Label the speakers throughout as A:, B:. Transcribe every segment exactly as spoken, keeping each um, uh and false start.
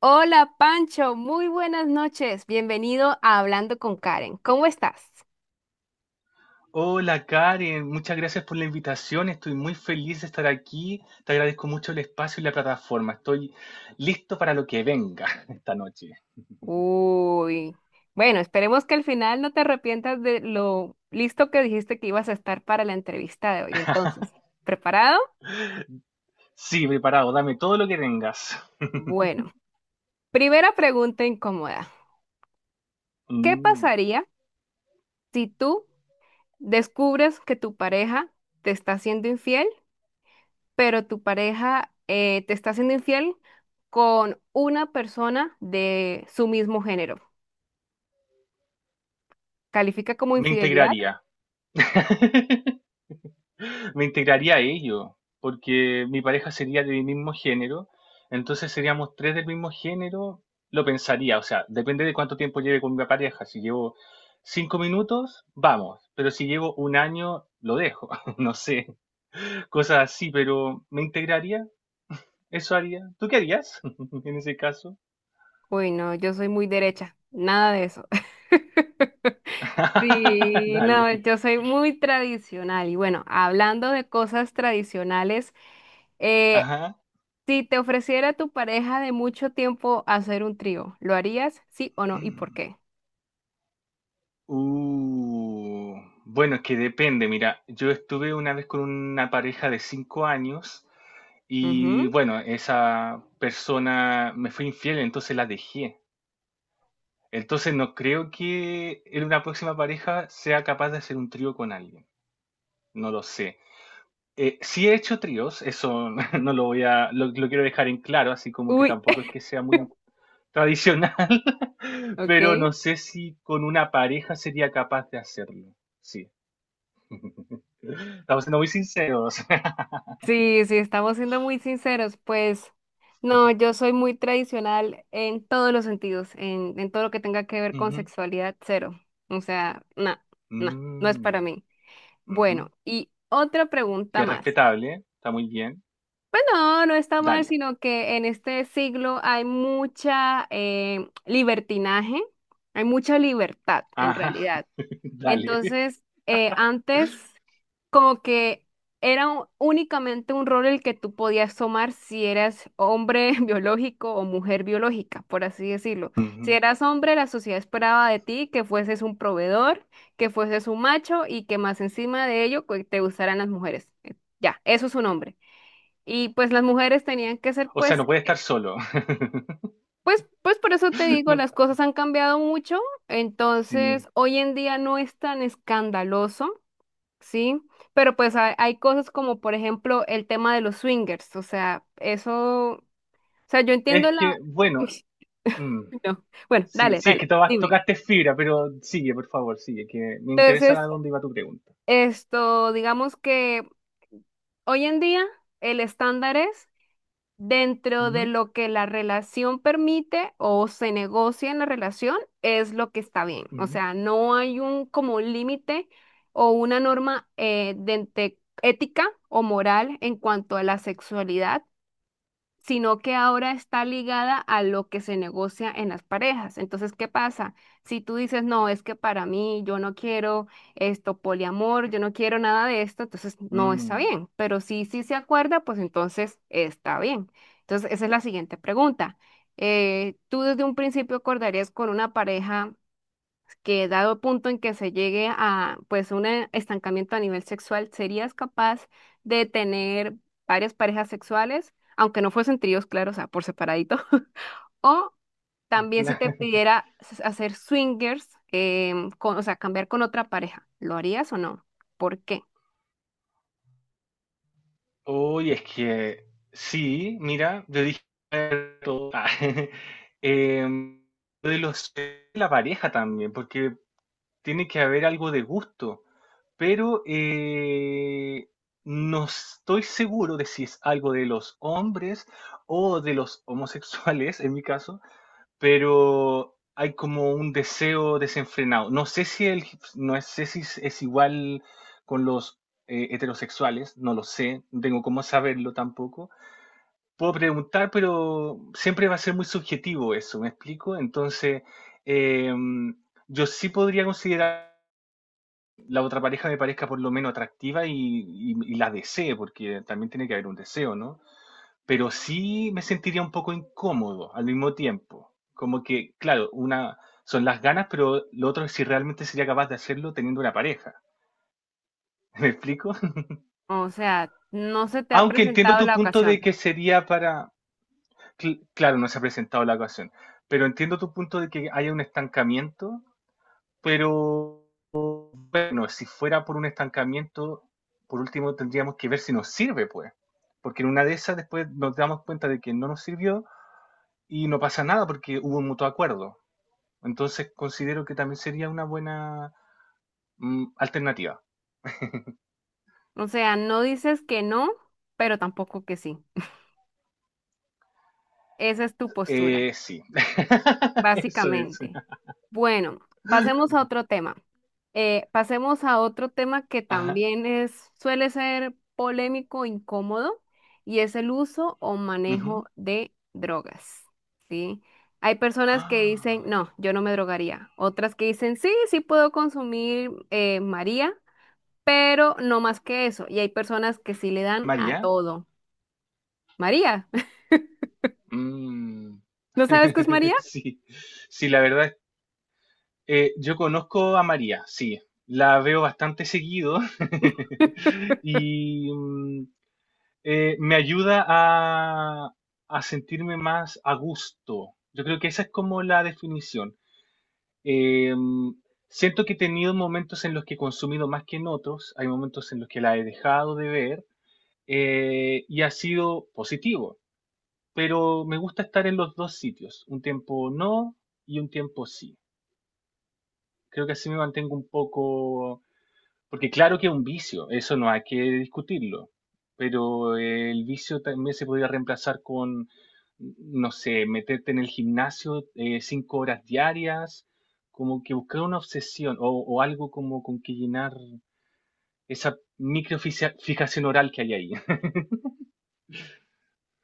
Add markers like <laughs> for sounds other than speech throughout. A: Hola Pancho, muy buenas noches. Bienvenido a Hablando con Karen. ¿Cómo estás?
B: Hola Karen, muchas gracias por la invitación. Estoy muy feliz de estar aquí. Te agradezco mucho el espacio y la plataforma. Estoy listo para lo que venga <laughs> esta noche.
A: Uy, bueno, esperemos que al final no te arrepientas de lo listo que dijiste que ibas a estar para la entrevista de hoy. Entonces,
B: <laughs>
A: ¿preparado?
B: Sí, preparado. Dame todo lo que tengas. <laughs>
A: Bueno, primera pregunta incómoda. ¿Qué
B: Mm,
A: pasaría si tú descubres que tu pareja te está siendo infiel, pero tu pareja eh, te está siendo infiel con una persona de su mismo género? ¿Califica como
B: Me
A: infidelidad?
B: integraría. <laughs> Me integraría a ellos, porque mi pareja sería de mi mismo género, entonces seríamos tres del mismo género. Lo pensaría, o sea, depende de cuánto tiempo lleve con mi pareja. Si llevo cinco minutos, vamos, pero si llevo un año, lo dejo, <laughs> no sé, cosas así, pero me integraría, eso haría. ¿Tú qué harías <laughs> en ese caso?
A: Uy, no, yo soy muy derecha, nada de eso. <laughs>
B: <laughs>
A: Sí, no,
B: Dale.
A: yo soy muy tradicional y bueno, hablando de cosas tradicionales, eh,
B: Ajá.
A: si te ofreciera tu pareja de mucho tiempo hacer un trío, ¿lo harías? ¿Sí o no? ¿Y por qué?
B: Uh, bueno, es que depende. Mira, yo estuve una vez con una pareja de cinco años. Y
A: Ujú.
B: bueno, esa persona me fue infiel, entonces la dejé. Entonces no creo que en una próxima pareja sea capaz de hacer un trío con alguien. No lo sé. Eh, sí he hecho tríos, eso <laughs> no lo voy a, lo, lo quiero dejar en claro, así como que
A: Uy,
B: tampoco es
A: <laughs>
B: que sea muy tradicional, <laughs> pero no
A: ok.
B: sé si con una pareja sería capaz de hacerlo. Sí, estamos siendo muy sinceros. <laughs>
A: Sí, sí, estamos siendo muy sinceros, pues no, yo soy muy tradicional en todos los sentidos, en, en todo lo que tenga que ver con
B: Ujú.
A: sexualidad, cero. O sea, no, no, no es para
B: Mm.
A: mí.
B: Ujú.
A: Bueno, y otra
B: Que
A: pregunta
B: es
A: más.
B: respetable, está muy bien.
A: Pues no, no está mal,
B: Dale.
A: sino que en este siglo hay mucha eh, libertinaje, hay mucha libertad en
B: Ajá.
A: realidad.
B: <laughs> Dale.
A: Entonces, eh, antes como que era u- únicamente un rol el que tú podías tomar si eras hombre <laughs> biológico o mujer biológica, por así decirlo. Si
B: Ujú.
A: eras hombre, la sociedad esperaba de ti que fueses un proveedor, que fueses un macho y que más encima de ello que te gustaran las mujeres. Eh, Ya, eso es un hombre. Y pues las mujeres tenían que ser
B: O sea,
A: pues,
B: no puede estar solo. <laughs>
A: pues, pues por eso te digo,
B: No,
A: las cosas han cambiado mucho. Entonces,
B: sí.
A: hoy en día no es tan escandaloso. Sí, pero pues hay, hay cosas como por ejemplo el tema de los swingers, o sea, eso, o sea, yo
B: Es
A: entiendo la...
B: que, bueno,
A: <laughs>
B: mm,
A: No. Bueno,
B: sí,
A: dale,
B: sí, es que
A: dale,
B: to-
A: dime.
B: tocaste fibra, pero sigue, por favor, sigue, que me interesa a
A: Entonces,
B: dónde iba tu pregunta.
A: esto, digamos que hoy en día el estándar es dentro de
B: Ujú.
A: lo que la relación permite o se negocia en la relación, es lo que está bien, o
B: Ujú.
A: sea, no hay un como límite o una norma eh, de, de ética o moral en cuanto a la sexualidad, sino que ahora está ligada a lo que se negocia en las parejas. Entonces, ¿qué pasa? Si tú dices, no, es que para mí yo no quiero esto, poliamor, yo no quiero nada de esto, entonces no está
B: Mm,
A: bien. Pero si sí se acuerda, pues entonces está bien. Entonces, esa es la siguiente pregunta. Eh, ¿tú desde un principio acordarías con una pareja que dado el punto en que se llegue a pues un eh, estancamiento a nivel sexual, serías capaz de tener varias parejas sexuales, aunque no fuesen tríos, claro, o sea, por separadito? <laughs> O también si
B: cla-
A: te pidiera s- hacer swingers, em, con- o sea, cambiar con otra pareja, ¿lo harías o no? ¿Por qué?
B: <laughs> Uy, es que sí, mira, yo dije todo. Ah, <laughs> em, lo de los la pareja también, porque tiene que haber algo de gusto. Pero eh, no estoy seguro de si es algo de los hombres o de los homosexuales, en mi caso, pero hay como un deseo desenfrenado. No sé si, el, no sé si es, es igual con los eh, heterosexuales, no lo sé, no tengo cómo saberlo tampoco. Puedo preguntar, pero siempre va a ser muy subjetivo eso, ¿me explico? Entonces, eh, yo sí podría considerar la otra pareja me parezca por lo menos atractiva y, y- y la desee, porque también tiene que haber un deseo, ¿no? Pero sí me sentiría un poco incómodo al mismo tiempo. Como que, claro, una son las ganas, pero lo otro es si realmente sería capaz de hacerlo teniendo una pareja. <laughs> ¿Me explico?
A: O sea, no se te ha
B: Aunque entiendo
A: presentado
B: tu
A: la
B: punto de
A: ocasión.
B: que sería para, cl- claro, no se ha presentado la ocasión, pero entiendo tu punto de que haya un estancamiento, pero bueno, si fuera por un estancamiento, por último tendríamos que ver si nos sirve, pues. Porque en una de esas después nos damos cuenta de que no nos sirvió y no pasa nada porque hubo un mutuo acuerdo. Entonces considero que también sería una buena mm, alternativa.
A: O sea, no dices que no, pero tampoco que sí. Esa es tu postura.
B: Eh, sí, <laughs> eso es.
A: Básicamente. Bueno, pasemos a otro tema. Eh, pasemos a otro tema que
B: Ajá.
A: también es, suele ser polémico, incómodo, y es el uso o manejo
B: Ujú.
A: de drogas, ¿sí? Hay personas que dicen,
B: Ah,
A: no, yo no me drogaría. Otras que dicen, sí, sí puedo consumir eh, María, pero no más que eso. Y hay personas que sí le dan a
B: María.
A: todo. María,
B: Mm.
A: <laughs> ¿no sabes qué es
B: <laughs>
A: María?
B: Sí, sí, la verdad. Eh, yo conozco a María, sí. La veo bastante seguido <laughs> y mm, eh, me ayuda a, a sentirme más a gusto. Yo creo que esa es como la definición. Eh, mm, Siento que he tenido momentos en los que he consumido más que en otros, hay momentos en los que la he dejado de ver eh, y ha sido positivo, pero me gusta estar en los dos sitios, un tiempo no y un tiempo sí. Creo que así me mantengo un poco. Porque claro que es un vicio, eso no hay que discutirlo, pero eh, el vicio también se podría reemplazar con, no sé, meterte en el gimnasio eh, cinco horas diarias, como que buscar una obsesión o, o algo como con que llenar esa microficia- fijación oral que hay ahí. <laughs>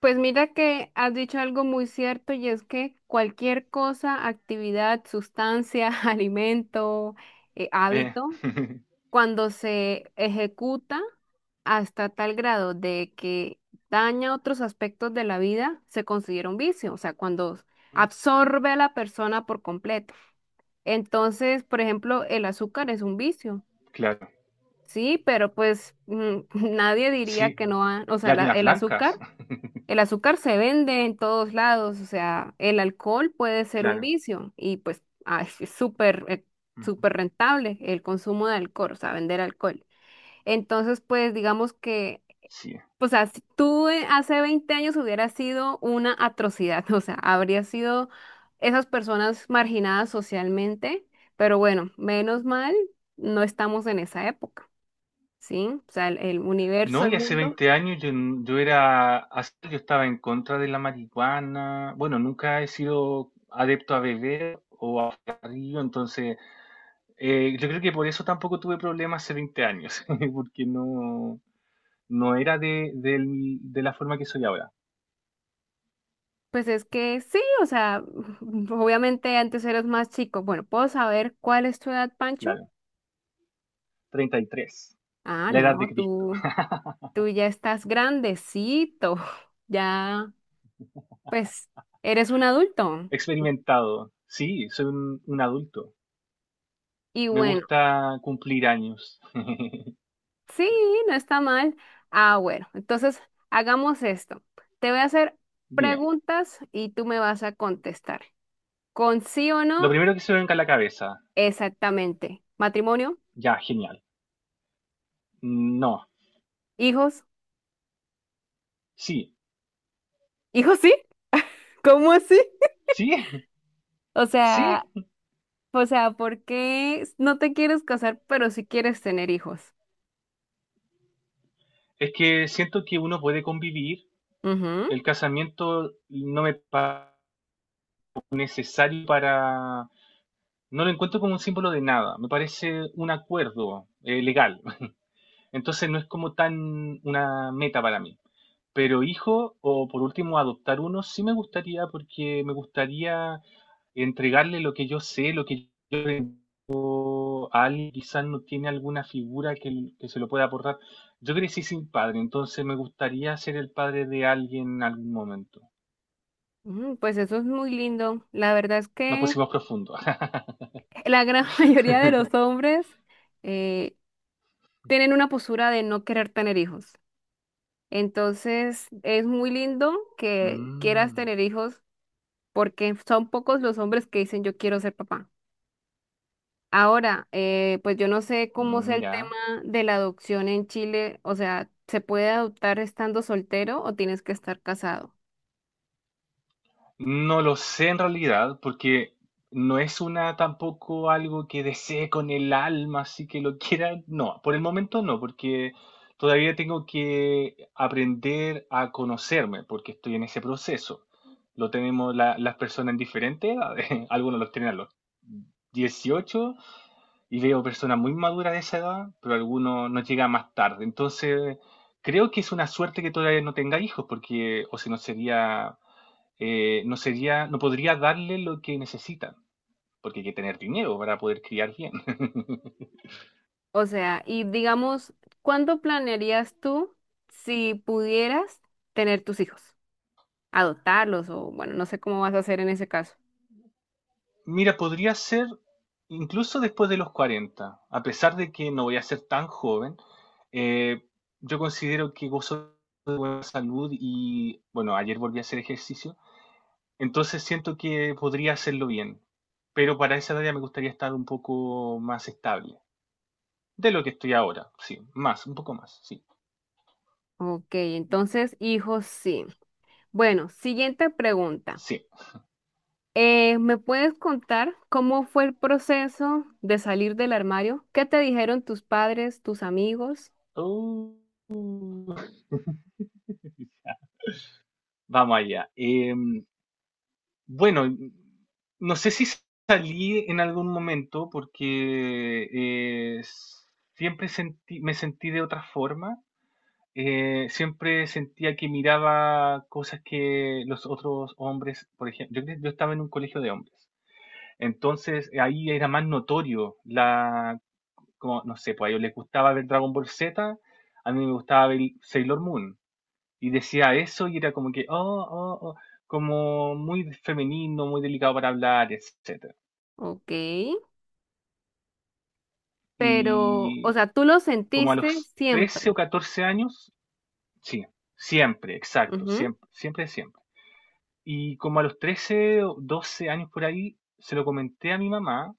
A: Pues mira que has dicho algo muy cierto y es que cualquier cosa, actividad, sustancia, <laughs> alimento, eh,
B: Eh,
A: hábito,
B: <laughs>
A: cuando se ejecuta hasta tal grado de que daña otros aspectos de la vida, se considera un vicio, o sea, cuando absorbe a la persona por completo. Entonces, por ejemplo, el azúcar es un vicio,
B: claro,
A: sí, pero pues mm, <laughs> nadie diría
B: sí,
A: que no, ha- o sea,
B: las
A: la-
B: harinas
A: el
B: blancas,
A: azúcar.
B: <laughs>
A: El azúcar se vende en todos lados, o sea, el alcohol puede ser un
B: claro,
A: vicio y pues ah, es es súper, eh,
B: ujú,
A: súper rentable el consumo de alcohol, o sea, vender alcohol. Entonces, pues digamos que,
B: sí.
A: o sea, si tú eh, hace veinte años hubiera sido una atrocidad, <laughs> o sea, habría sido esas personas marginadas socialmente, pero bueno, menos mal, no estamos en esa época, ¿sí? O sea, el el universo,
B: No,
A: el
B: y hace
A: mundo.
B: veinte años yo, n- yo era, as- yo estaba en contra de la marihuana. Bueno, nunca he sido adepto a beber, a río, entonces eh, yo creo que por eso tampoco tuve problemas hace veinte años, <laughs> porque no, no era de, del- de la forma que soy ahora,
A: Pues es que sí, o sea, <laughs> obviamente antes eras más chico. Bueno, ¿puedo saber cuál es tu edad, Pancho?
B: claro. Treinta y tres,
A: Ah,
B: la edad de
A: no,
B: Cristo.
A: tú, tú ya estás grandecito, <laughs> ya, pues, eres un adulto.
B: <laughs> Experimentado, sí, soy un, un adulto.
A: Y
B: Me
A: bueno,
B: gusta cumplir años. <laughs>
A: sí, no está mal. Ah, bueno, entonces hagamos esto. Te voy a hacer
B: Dime,
A: preguntas y tú me vas a contestar. ¿Con sí o
B: lo
A: no?
B: primero que se me venga a la cabeza,
A: Exactamente. ¿Matrimonio?
B: ya, genial. No,
A: ¿Hijos?
B: sí.
A: ¿Hijos sí? ¿Cómo así?
B: Sí, <laughs>
A: O
B: sí.
A: sea, O sea, ¿por qué no te quieres casar, pero sí quieres tener hijos?
B: Es que siento que uno puede convivir.
A: Ujú,
B: El casamiento no me parece necesario para. No lo encuentro como un símbolo de nada. Me parece un acuerdo eh, legal. <laughs> Entonces no es como tan una meta para mí. Pero hijo, o por último adoptar uno, sí me gustaría porque me gustaría entregarle lo que yo sé, lo que yo a alguien quizás no tiene alguna figura que, que se lo pueda aportar. Yo crecí sin padre, entonces me gustaría ser el padre de alguien en algún momento.
A: ujú, pues eso es muy lindo. La verdad es
B: Nos
A: que
B: pusimos profundo.
A: la gran <laughs> mayoría de los
B: <laughs>
A: hombres eh, tienen una postura de no querer tener hijos. Entonces, es muy lindo que quieras
B: Mm,
A: tener hijos porque son pocos los hombres que dicen yo quiero ser papá. Ahora, eh, pues yo no sé cómo sea el tema
B: Mira.
A: de la adopción en Chile. O sea, ¿se puede adoptar estando soltero o tienes que estar casado?
B: No lo sé en realidad, porque no es una tampoco algo que desee con el alma, así que lo <laughs> quiera. No, por el momento no, porque todavía tengo que aprender a conocerme, porque estoy en ese proceso. Lo tenemos la- las personas en diferentes edades. <laughs> Algunos los tienen a los dieciocho y veo personas muy maduras de esa edad, pero algunos nos llegan más tarde. Entonces, creo que es una suerte que todavía no tenga hijos, porque o si no sería eh, no sería, no podría darle lo que necesitan, porque hay que tener dinero para poder criar bien. <laughs>
A: O sea, y digamos, ¿cuándo planearías tú si pudieras tener tus hijos? Adoptarlos o bueno, no sé cómo vas a hacer en ese caso.
B: Mira, podría ser incluso después de los cuarenta a pesar de que no voy a ser tan joven. eh, yo considero que gozo de buena salud y, bueno, ayer volví a hacer ejercicio, entonces siento que podría hacerlo bien, pero para esa edad ya me gustaría estar un poco más estable, de lo que estoy ahora, sí, más, un poco más, sí,
A: Ok, entonces, hijos sí. Bueno, siguiente pregunta.
B: sí.
A: Eh, ¿me puedes contar cómo fue el proceso de salir del armario? ¿Qué te dijeron tus padres, tus amigos?
B: Uh. Vamos allá. Eh, bueno, no sé si salí en algún momento porque eh, s- siempre sentí, me sentí de otra forma. Eh, siempre sentía que miraba cosas que los otros hombres, por ejemplo, yo, cre- yo estaba en un colegio de hombres. Entonces eh, ahí era más notorio la, como, no sé, pues a ellos les gustaba ver Dragon Ball Z, a mí me gustaba ver Sailor Moon. Y decía eso y era como que, oh, oh, oh, como muy femenino, muy delicado para hablar, etcétera.
A: Ok, pero, o
B: Y
A: sea, tú lo
B: como a
A: sentiste
B: los trece o
A: siempre.
B: catorce años, sí, siempre, exacto,
A: Ujú.
B: siempre, siempre, siempre. Y como a los trece o doce años por ahí, se lo comenté a mi mamá,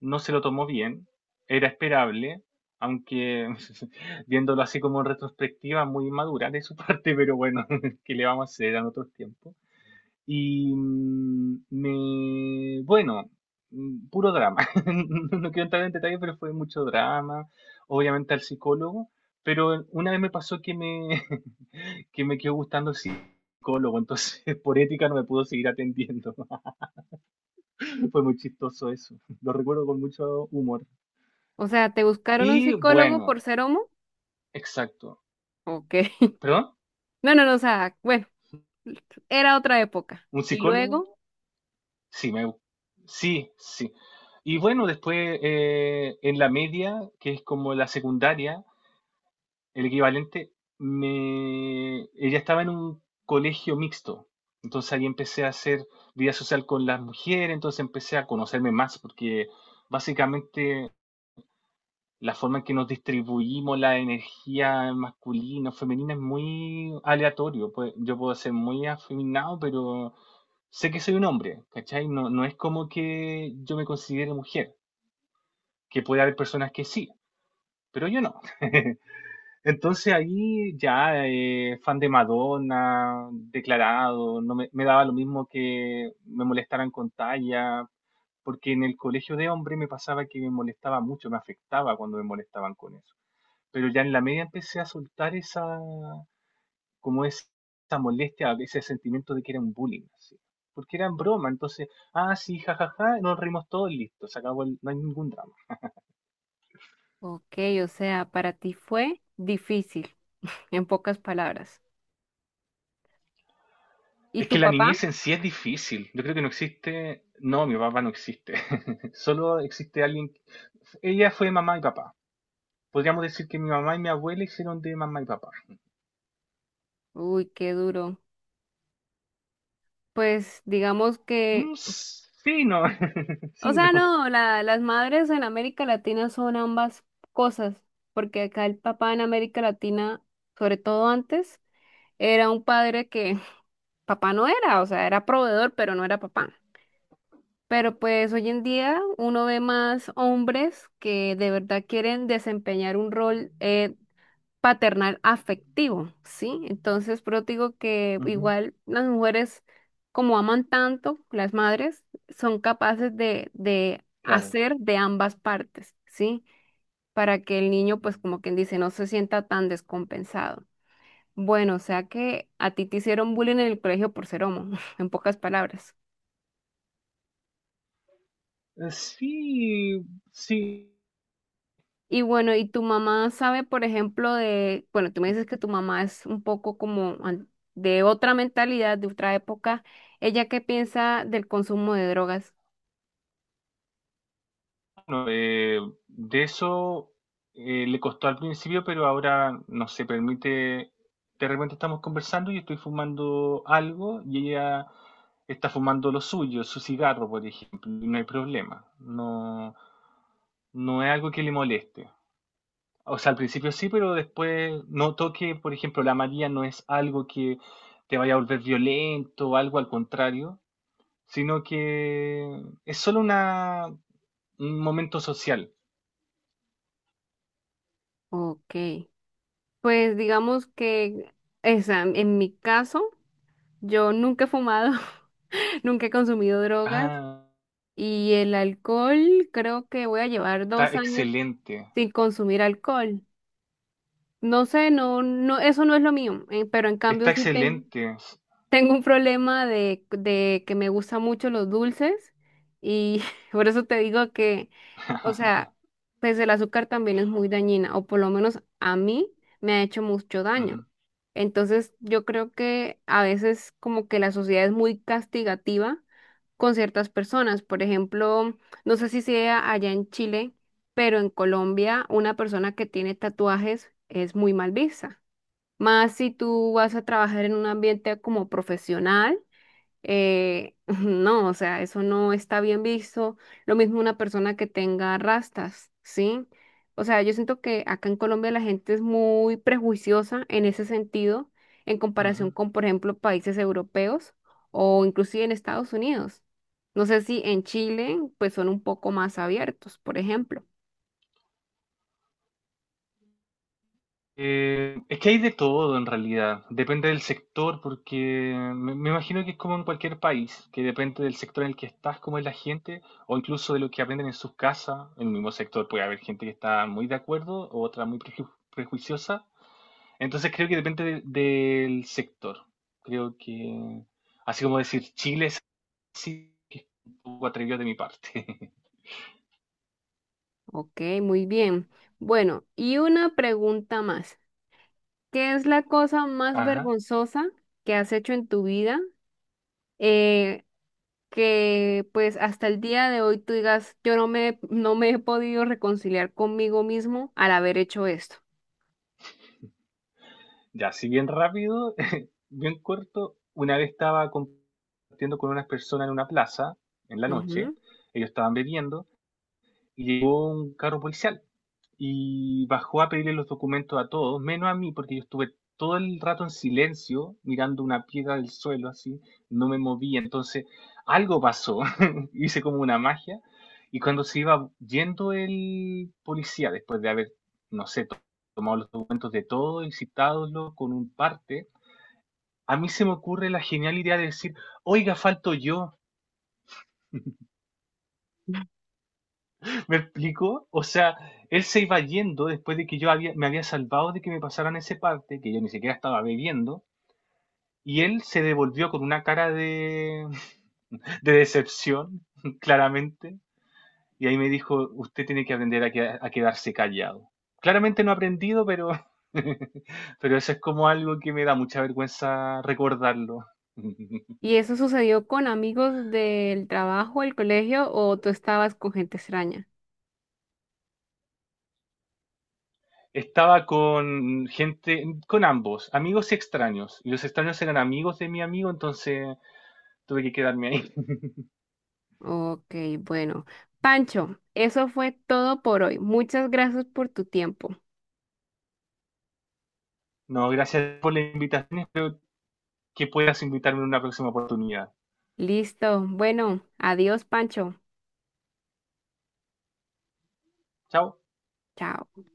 B: no se lo tomó bien, era esperable, aunque <laughs> viéndolo así como en retrospectiva, muy inmadura de su <laughs> parte, pero bueno, <laughs> ¿qué le vamos a hacer en otros tiempos? Y mm, me, bueno, mm, puro drama. <laughs> No, no quiero entrar en detalle, pero fue mucho drama. Obviamente al psicólogo, pero una vez me pasó que me, <laughs> que me quedó gustando el psicólogo, entonces <laughs> por ética no me pudo seguir atendiendo. <laughs> Fue muy chistoso eso. <laughs> Lo recuerdo con mucho humor.
A: O sea, ¿te buscaron un
B: Y
A: psicólogo por
B: bueno,
A: ser homo?
B: exacto.
A: Ok.
B: ¿Perdón?
A: No, no, no, o sea, bueno, era otra época.
B: ¿Un
A: Y
B: psicólogo?
A: luego,
B: Sí, me, sí, sí. Y bueno, después eh, en la media, que es como la secundaria, el equivalente, me, ella estaba en un colegio mixto. Entonces ahí empecé a hacer vida social con las mujeres, entonces empecé a conocerme más, porque básicamente la forma en que nos distribuimos la energía masculina o femenina es muy aleatorio. Pues, yo puedo ser muy afeminado, pero sé que soy un hombre, ¿cachai? No, no es como que yo me considere mujer, que puede haber personas que sí, pero yo no. <laughs> Entonces ahí ya, eh, fan de Madonna, declarado, no me, me daba lo mismo que me molestaran con talla, porque en el colegio de hombre me pasaba que me molestaba mucho, me afectaba cuando me molestaban con eso. Pero ya en la media empecé a soltar esa, como es- esa molestia, ese sentimiento de que era un bullying, así. Porque era en broma, entonces, ah, sí, jajaja, nos reímos todos, listo, se acabó, el- no hay ningún drama.
A: ok, o sea, para ti fue difícil, en pocas palabras. ¿Y
B: Es que
A: tu
B: la
A: papá?
B: niñez en sí es difícil. Yo creo que no existe. No, mi papá no existe. <laughs> Solo existe alguien. Ella fue mamá y papá. Podríamos decir que mi mamá y mi abuela hicieron de mamá y papá.
A: Uy, qué duro. Pues digamos
B: Mm,
A: que,
B: s- sí, no. <laughs>
A: o
B: Sí,
A: sea,
B: no.
A: no, la- las madres en América Latina son ambas cosas, porque acá el papá en América Latina, sobre todo antes, era un padre que <laughs> papá no era, o sea, era proveedor, pero no era papá. Pero pues hoy en día uno ve más hombres que de verdad quieren desempeñar un rol eh, paternal afectivo, ¿sí? Entonces, pero digo que
B: Ujú,
A: igual las mujeres, como aman tanto, las madres, son capaces de, de
B: claro.
A: hacer de ambas partes, ¿sí? Para que el niño, pues como quien dice, no se sienta tan descompensado. Bueno, o sea que a ti te hicieron bullying en el colegio por ser homo, <laughs> en pocas palabras.
B: Eh, Sí, sí.
A: Y bueno, ¿y tu mamá sabe, por ejemplo, de, bueno, tú me dices que tu mamá es un poco como an- de otra mentalidad, de otra época. ¿Ella qué piensa del consumo de drogas?
B: Bueno, eh, de eso eh, le costó al principio, pero ahora no se permite. De repente estamos conversando y estoy fumando algo y ella está fumando lo suyo, su cigarro, por ejemplo, y no hay problema. No, no es algo que le moleste. O sea, al principio sí, pero después noto que, por ejemplo, la María no es algo que te vaya a volver violento o algo al contrario, sino que es solo una, un momento social.
A: Ok. Pues digamos que esa, en mi caso, yo nunca he fumado, <laughs> nunca he consumido drogas
B: Ah,
A: y el alcohol, creo que voy a llevar
B: está
A: dos años
B: excelente.
A: sin consumir alcohol. No sé, no, no, eso no es lo mío, eh, pero en cambio
B: Está
A: sí tengo.
B: excelente.
A: Tengo un problema de, de que me gustan mucho los dulces y <laughs> por eso te digo que, o sea, pues el azúcar también es muy dañina, o por lo menos a mí me ha hecho mucho daño.
B: Ujú.
A: Entonces yo creo que a veces como que la sociedad es muy castigativa con ciertas personas. Por ejemplo, no sé si sea allá en Chile, pero en Colombia una persona que tiene tatuajes es muy mal vista. Más si tú vas a trabajar en un ambiente como profesional, eh, <laughs> no, o sea, eso no está bien visto. Lo mismo una persona que tenga rastas, ¿sí? O sea, yo siento que acá en Colombia la gente es muy prejuiciosa en ese sentido, en comparación
B: Ujú.
A: con, por ejemplo, países europeos o inclusive en Estados Unidos. No sé si en Chile, pues son un poco más abiertos, por ejemplo.
B: Eh, es que hay de todo en realidad. Depende del sector, porque me, me imagino que es como en cualquier país, que depende del sector en el que estás, cómo es la gente, o incluso de lo que aprenden en sus casas. En el mismo sector puede haber gente que está muy de acuerdo, o otra muy preju- prejuiciosa. Entonces creo que depende de- del sector. Creo que, así como decir Chile es así, que es un poco atrevido de mi parte. <laughs>
A: Ok, muy bien. Bueno, y una pregunta más. ¿Qué es la cosa más
B: Ajá.
A: vergonzosa que has hecho en tu vida? Eh, que pues hasta el día de hoy tú digas, yo no me, no me he podido reconciliar conmigo mismo al haber hecho esto.
B: Ya, así bien rápido, <laughs> bien corto. Una vez estaba compartiendo con unas personas en una plaza, en la noche.
A: Ujú.
B: Ellos estaban bebiendo y llegó un carro policial y bajó a pedirle los documentos a todos, menos a mí, porque yo estuve todo el rato en silencio, mirando una piedra del suelo, así, no me movía. Entonces, algo pasó, <laughs> hice como una magia, y cuando se iba yendo el policía, después de haber, no sé, to- tomado los documentos de todo y citándolo con un parte, a mí se me ocurre la genial idea de decir, oiga, falto yo. ¿Me explico? O sea, él se iba yendo después de que yo había, me había salvado de que me pasaran ese parte, que yo ni siquiera estaba bebiendo, y él se devolvió con una cara de, <laughs> de decepción, <laughs> claramente, y ahí me dijo, usted tiene que aprender a, queda- a quedarse callado. Claramente no he aprendido, pero, <laughs> pero eso es como algo que me da mucha vergüenza recordarlo.
A: ¿Y
B: <laughs>
A: eso sucedió con amigos del trabajo, el colegio o tú estabas con gente extraña?
B: Estaba con gente, con ambos, amigos y extraños. Y los extraños eran amigos de mi amigo, entonces tuve que quedarme ahí.
A: Ok, bueno. Pancho, eso fue todo por hoy. Muchas gracias por tu tiempo.
B: No, gracias por la invitación. Espero que puedas invitarme en una próxima oportunidad.
A: Listo. Bueno, adiós, Pancho.
B: Chao.
A: Chao.